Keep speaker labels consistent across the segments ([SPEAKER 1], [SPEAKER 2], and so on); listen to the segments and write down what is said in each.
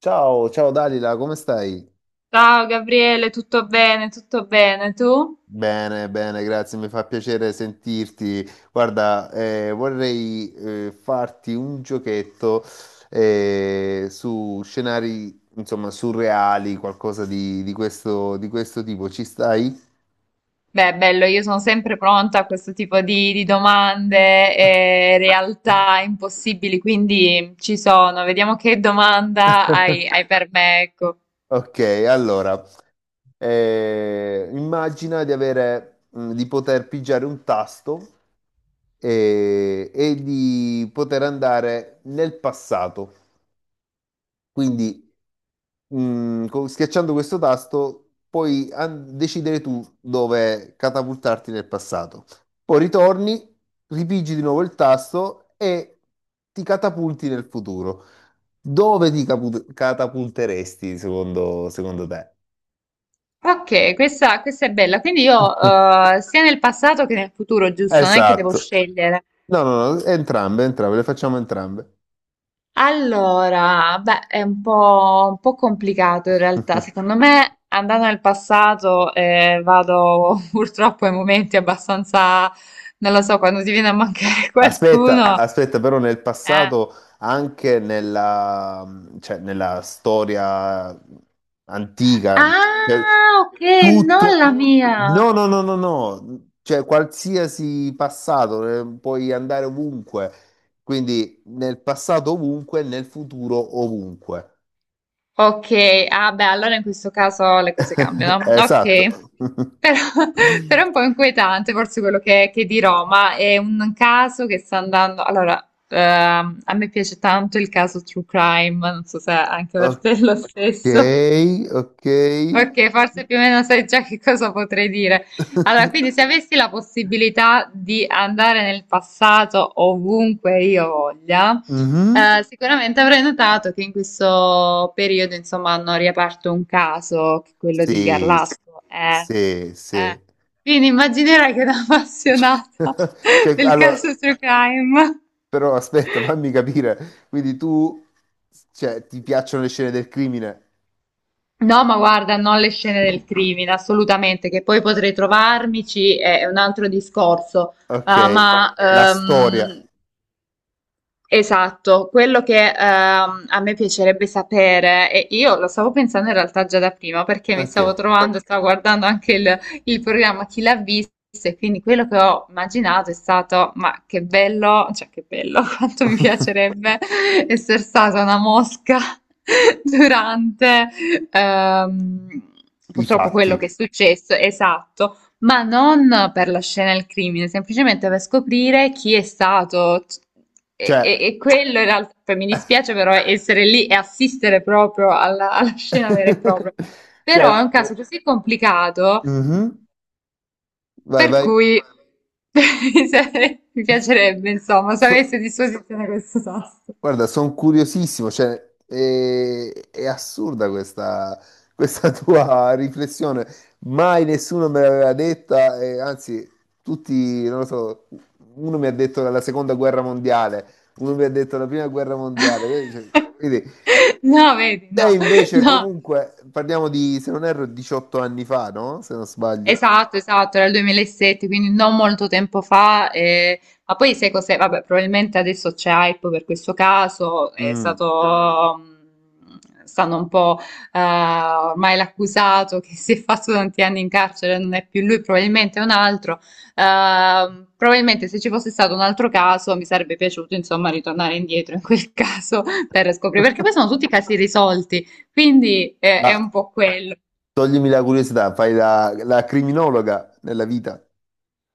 [SPEAKER 1] Ciao, ciao Dalila, come stai?
[SPEAKER 2] Ciao Gabriele, tutto bene? Tutto bene, tu?
[SPEAKER 1] Bene, bene, grazie, mi fa piacere sentirti. Guarda, vorrei farti un giochetto su scenari, insomma, surreali, qualcosa di questo tipo. Ci stai?
[SPEAKER 2] Beh, bello, io sono sempre pronta a questo tipo di domande e realtà impossibili, quindi ci sono. Vediamo che domanda hai per me, ecco.
[SPEAKER 1] Ok, allora, immagina di avere, di poter pigiare un tasto e di poter andare nel passato. Quindi schiacciando questo tasto puoi decidere tu dove catapultarti nel passato. Poi ritorni, ripigi di nuovo il tasto e ti catapulti nel futuro. Dove ti catapulteresti secondo te?
[SPEAKER 2] Ok, questa è bella. Quindi io, sia nel passato che nel futuro, giusto? Non è che devo
[SPEAKER 1] Esatto.
[SPEAKER 2] scegliere.
[SPEAKER 1] No, no, no, entrambe, entrambe, le facciamo entrambe.
[SPEAKER 2] Allora, beh, è un po' complicato in realtà. Secondo me, andando nel passato, vado purtroppo ai momenti abbastanza, non lo so, quando ti viene a mancare
[SPEAKER 1] Aspetta,
[SPEAKER 2] qualcuno.
[SPEAKER 1] aspetta, però nel
[SPEAKER 2] Eh.
[SPEAKER 1] passato, anche nella, cioè, nella storia antica, cioè,
[SPEAKER 2] Ah, ok, non
[SPEAKER 1] tutto...
[SPEAKER 2] la mia.
[SPEAKER 1] No, no, no, no, no, cioè qualsiasi passato, puoi andare ovunque, quindi nel passato ovunque, nel futuro ovunque.
[SPEAKER 2] Ok, ah beh, allora in questo caso le cose cambiano.
[SPEAKER 1] Esatto.
[SPEAKER 2] Ok, però, però è un po' inquietante forse quello che dirò, ma è un caso che sta andando. Allora, a me piace tanto il caso True Crime, non so se anche per te è lo
[SPEAKER 1] Ok,
[SPEAKER 2] stesso.
[SPEAKER 1] ok.
[SPEAKER 2] Ok, forse più o meno sai già che cosa potrei dire. Allora, quindi se avessi la possibilità di andare nel passato ovunque io voglia,
[SPEAKER 1] Mhm.
[SPEAKER 2] sicuramente avrei notato che in questo periodo, insomma, hanno riaperto un caso, che è quello di
[SPEAKER 1] Sì,
[SPEAKER 2] Garlasco.
[SPEAKER 1] sì,
[SPEAKER 2] Eh.
[SPEAKER 1] sì.
[SPEAKER 2] Quindi immaginerai che da
[SPEAKER 1] Cioè,
[SPEAKER 2] appassionata
[SPEAKER 1] cioè,
[SPEAKER 2] del
[SPEAKER 1] allora,
[SPEAKER 2] caso True Crime.
[SPEAKER 1] però aspetta, fammi capire. Cioè, ti piacciono le scene del crimine?
[SPEAKER 2] No, ma guarda, non le scene del crimine, assolutamente, che poi potrei trovarmici, è un altro discorso. Ah,
[SPEAKER 1] Ok,
[SPEAKER 2] ma
[SPEAKER 1] la storia,
[SPEAKER 2] ok. Esatto, quello che a me piacerebbe sapere, e io lo stavo pensando in realtà già da prima perché mi
[SPEAKER 1] ok,
[SPEAKER 2] stavo trovando, stavo guardando anche il programma Chi l'ha visto e quindi quello che ho immaginato è stato, ma che bello, cioè che bello, quanto mi piacerebbe essere stata una mosca durante ehm,
[SPEAKER 1] i
[SPEAKER 2] purtroppo quello che è
[SPEAKER 1] fatti.
[SPEAKER 2] successo, esatto. Ma non per la scena del crimine, semplicemente per scoprire chi è stato. E, e-
[SPEAKER 1] Cioè,
[SPEAKER 2] e quello in realtà, poi mi dispiace però essere lì e assistere proprio alla scena vera e propria. Però è
[SPEAKER 1] cioè,
[SPEAKER 2] un caso così complicato
[SPEAKER 1] mhm, vai,
[SPEAKER 2] per
[SPEAKER 1] vai.
[SPEAKER 2] cui mi piacerebbe, insomma, se avessi
[SPEAKER 1] So-
[SPEAKER 2] a disposizione questo tasto.
[SPEAKER 1] Guarda, sono curiosissimo, cioè, è assurda questa tua riflessione. Mai nessuno me l'aveva detta, e anzi, tutti, non lo so, uno mi ha detto la seconda guerra mondiale, uno mi ha detto la prima guerra mondiale. Quindi,
[SPEAKER 2] No, vedi,
[SPEAKER 1] te
[SPEAKER 2] no,
[SPEAKER 1] invece,
[SPEAKER 2] no.
[SPEAKER 1] comunque, parliamo di, se non erro, 18 anni fa, no? Se non sbaglio.
[SPEAKER 2] Esatto, esatto, era il 2007, quindi non molto tempo fa. Eh, ma poi sai cos'è? Vabbè, probabilmente adesso c'è hype per questo caso, è
[SPEAKER 1] Mm.
[SPEAKER 2] stato, stanno un po', ormai l'accusato che si è fatto tanti anni in carcere, non è più lui, probabilmente è un altro. Probabilmente se ci fosse stato un altro caso mi sarebbe piaciuto, insomma, ritornare indietro in quel caso per scoprire, perché poi sono tutti casi risolti, quindi è
[SPEAKER 1] Ma
[SPEAKER 2] un po' quello.
[SPEAKER 1] toglimi la curiosità, fai la criminologa nella vita.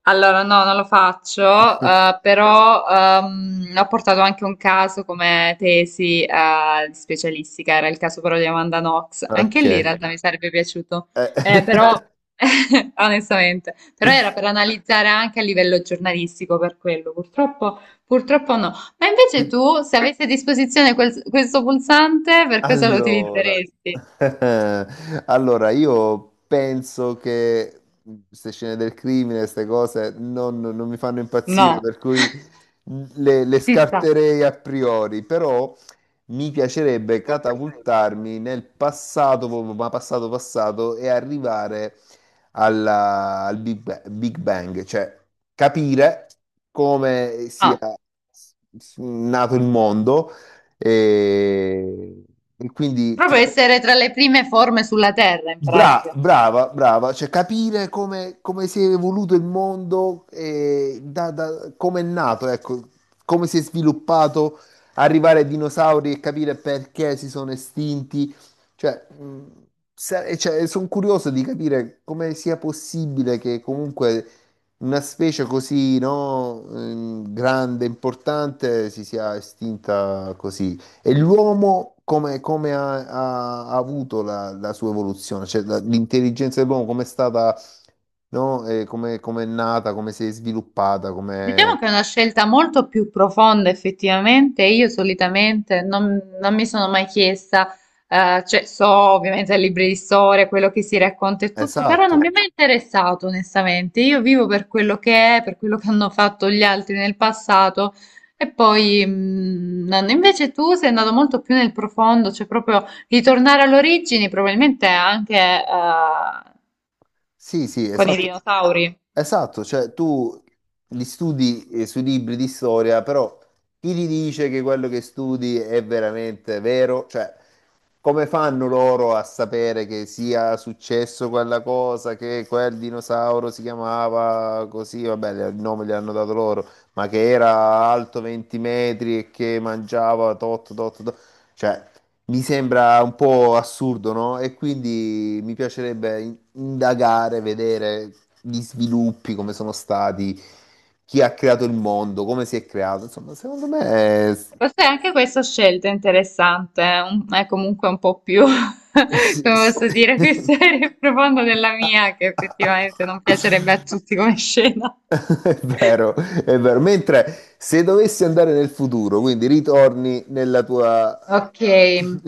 [SPEAKER 2] Allora, no, non lo faccio, però ho portato anche un caso come tesi di specialistica, era il caso però di Amanda Knox. Anche
[SPEAKER 1] Ok.
[SPEAKER 2] lì in realtà mi sarebbe piaciuto. Però onestamente, però era per analizzare anche a livello giornalistico per quello, purtroppo, purtroppo no. Ma invece
[SPEAKER 1] Qui-
[SPEAKER 2] tu, se avessi a disposizione questo pulsante, per cosa lo
[SPEAKER 1] Allora,
[SPEAKER 2] utilizzeresti?
[SPEAKER 1] allora io penso che queste scene del crimine, queste cose non mi fanno impazzire,
[SPEAKER 2] No,
[SPEAKER 1] per cui le
[SPEAKER 2] ci sta.
[SPEAKER 1] scarterei a priori, però mi piacerebbe catapultarmi nel passato, proprio, ma passato passato, e arrivare al Big Bang, cioè capire come sia
[SPEAKER 2] Ah,
[SPEAKER 1] nato il mondo e, e quindi cioè,
[SPEAKER 2] proprio essere tra le prime forme sulla Terra, in pratica.
[SPEAKER 1] Brava, brava, cioè capire come si è evoluto il mondo, e come è nato, ecco, come si è sviluppato, arrivare ai dinosauri e capire perché si sono estinti. Cioè, cioè, sono curioso di capire come sia possibile che comunque una specie così, no, grande, importante, si sia estinta così. E l'uomo come ha avuto la sua evoluzione? Cioè l'intelligenza dell'uomo come è stata, no? Come è nata, come si è sviluppata, come...
[SPEAKER 2] Diciamo che è una scelta molto più profonda effettivamente, io solitamente non mi sono mai chiesta, cioè so ovviamente ai libri di storia, quello che si racconta e tutto, però non mi
[SPEAKER 1] Esatto,
[SPEAKER 2] è mai interessato onestamente, io vivo per quello che è, per quello che hanno fatto gli altri nel passato e poi invece tu sei andato molto più nel profondo, cioè proprio ritornare alle origini, probabilmente anche
[SPEAKER 1] sì, sì,
[SPEAKER 2] con i
[SPEAKER 1] esatto.
[SPEAKER 2] dinosauri.
[SPEAKER 1] Esatto, cioè tu li studi sui libri di storia, però chi ti dice che quello che studi è veramente vero? Cioè, come fanno loro a sapere che sia successo quella cosa, che quel dinosauro si chiamava così, vabbè, il nome gli hanno dato loro, ma che era alto 20 metri e che mangiava tot, tot, tot. Cioè, mi sembra un po' assurdo, no? E quindi mi piacerebbe indagare, vedere gli sviluppi, come sono stati, chi ha creato il mondo, come si è creato. Insomma, secondo me...
[SPEAKER 2] Forse anche questa scelta è interessante, è comunque un po' più, come
[SPEAKER 1] sì, sì.
[SPEAKER 2] posso dire, più seria e profonda della mia, che effettivamente non piacerebbe a tutti come scena.
[SPEAKER 1] È vero, è vero. Mentre se dovessi andare nel futuro, quindi ritorni nella
[SPEAKER 2] Ok,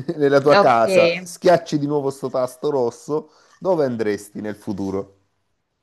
[SPEAKER 1] nella tua
[SPEAKER 2] ok.
[SPEAKER 1] casa, schiacci di nuovo sto tasto rosso, dove andresti nel futuro?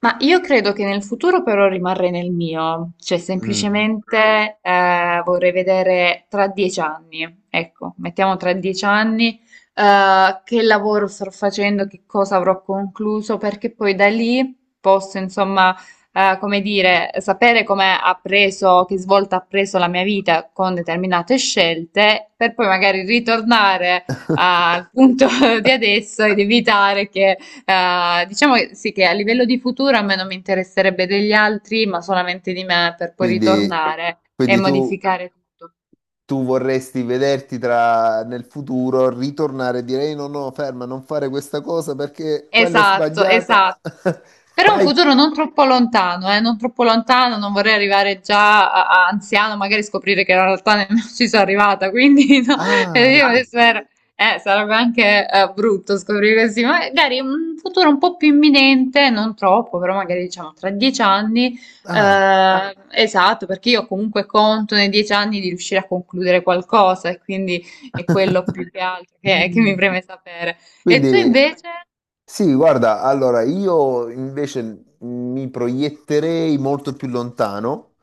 [SPEAKER 2] Ma io credo che nel futuro però rimarrei nel mio, cioè
[SPEAKER 1] Mm.
[SPEAKER 2] semplicemente vorrei vedere tra 10 anni, ecco, mettiamo tra 10 anni che lavoro starò facendo, che cosa avrò concluso, perché poi da lì posso insomma, come dire, sapere come ha preso, che svolta ha preso la mia vita con determinate scelte, per poi magari ritornare al punto di adesso ed evitare che diciamo sì che a livello di futuro a me non mi interesserebbe degli altri, ma solamente di me per poi
[SPEAKER 1] Quindi,
[SPEAKER 2] ritornare e
[SPEAKER 1] quindi tu,
[SPEAKER 2] modificare tutto.
[SPEAKER 1] tu vorresti vederti tra, nel futuro, ritornare e dire "Ehi, no, no, ferma, non fare questa cosa perché quella è
[SPEAKER 2] Esatto,
[SPEAKER 1] sbagliata.
[SPEAKER 2] esatto. Però è un
[SPEAKER 1] Fai...
[SPEAKER 2] futuro non troppo lontano, non troppo lontano, non vorrei arrivare già a anziano, magari scoprire che in realtà nemmeno ci sono arrivata, quindi no,
[SPEAKER 1] Ah,
[SPEAKER 2] eh, io mi
[SPEAKER 1] ecco.
[SPEAKER 2] spero- sarebbe anche brutto scoprire così, ma magari un futuro un po' più imminente, non troppo, però magari diciamo tra 10 anni,
[SPEAKER 1] Ah.
[SPEAKER 2] esatto, perché io comunque conto nei 10 anni di riuscire a concludere qualcosa e quindi è quello più che altro che mi preme sapere. E tu
[SPEAKER 1] Quindi...
[SPEAKER 2] invece?
[SPEAKER 1] Sì, guarda, allora io invece mi proietterei molto più lontano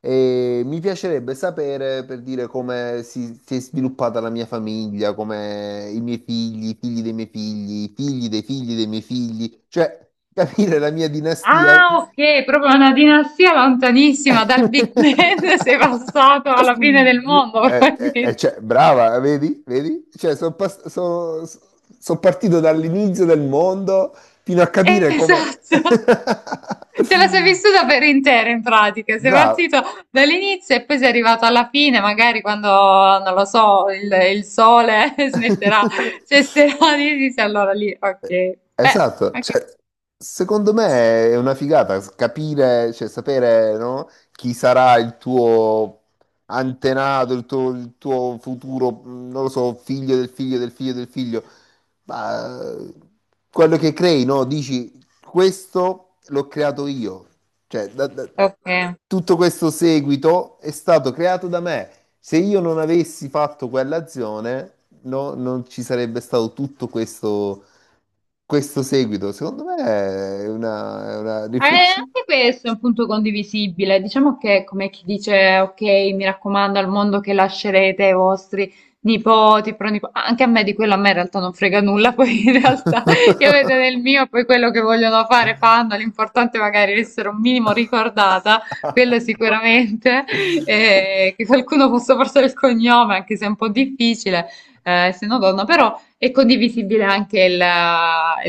[SPEAKER 1] e mi piacerebbe sapere per dire come si è sviluppata la mia famiglia, come i miei figli, i figli dei miei figli, i figli dei miei figli, cioè capire la mia dinastia.
[SPEAKER 2] Ah, ok, proprio una dinastia lontanissima dal Big Bang sei passato alla fine del mondo,
[SPEAKER 1] Eh,
[SPEAKER 2] probabilmente.
[SPEAKER 1] cioè, brava, vedi? Vedi? Cioè, sono partito dall'inizio del mondo fino a capire come...
[SPEAKER 2] Esatto. Te la sei vissuta per intera in pratica, sei
[SPEAKER 1] Brava.
[SPEAKER 2] partito dall'inizio e poi sei arrivato alla fine, magari quando, non lo so, il sole smetterà, cesserà di esistere, allora lì, ok.
[SPEAKER 1] Eh,
[SPEAKER 2] Beh,
[SPEAKER 1] esatto,
[SPEAKER 2] anche-
[SPEAKER 1] cioè, secondo me è una figata capire, cioè, sapere, no, chi sarà il tuo antenato, il tuo futuro, non lo so, figlio del figlio del figlio del figlio, ma quello che crei, no? Dici, questo l'ho creato io, cioè,
[SPEAKER 2] ok.
[SPEAKER 1] tutto questo seguito è stato creato da me. Se io non avessi fatto quell'azione, non ci sarebbe stato tutto questo, questo seguito. Secondo me è una riflessione.
[SPEAKER 2] Anche questo è un punto condivisibile. Diciamo che, è come chi dice, ok, mi raccomando al mondo che lascerete ai vostri nipoti, pronipoti. Ah, anche a me di quello, a me in realtà non frega nulla, poi in realtà io vedo nel mio, poi quello che vogliono fare fanno, l'importante è magari essere un minimo ricordata, quello sicuramente, che qualcuno possa portare il cognome, anche se è un po' difficile, se no donna, però è condivisibile anche il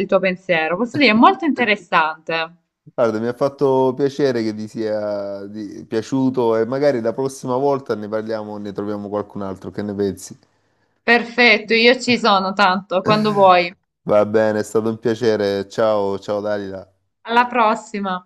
[SPEAKER 2] il tuo pensiero. Posso dire, è molto interessante.
[SPEAKER 1] Guarda, mi ha fatto piacere che ti sia piaciuto e magari la prossima volta ne parliamo, ne troviamo qualcun altro. Che ne pensi?
[SPEAKER 2] Perfetto, io ci sono tanto, quando vuoi.
[SPEAKER 1] Va bene, è stato un piacere. Ciao, ciao Dalila.
[SPEAKER 2] Alla prossima!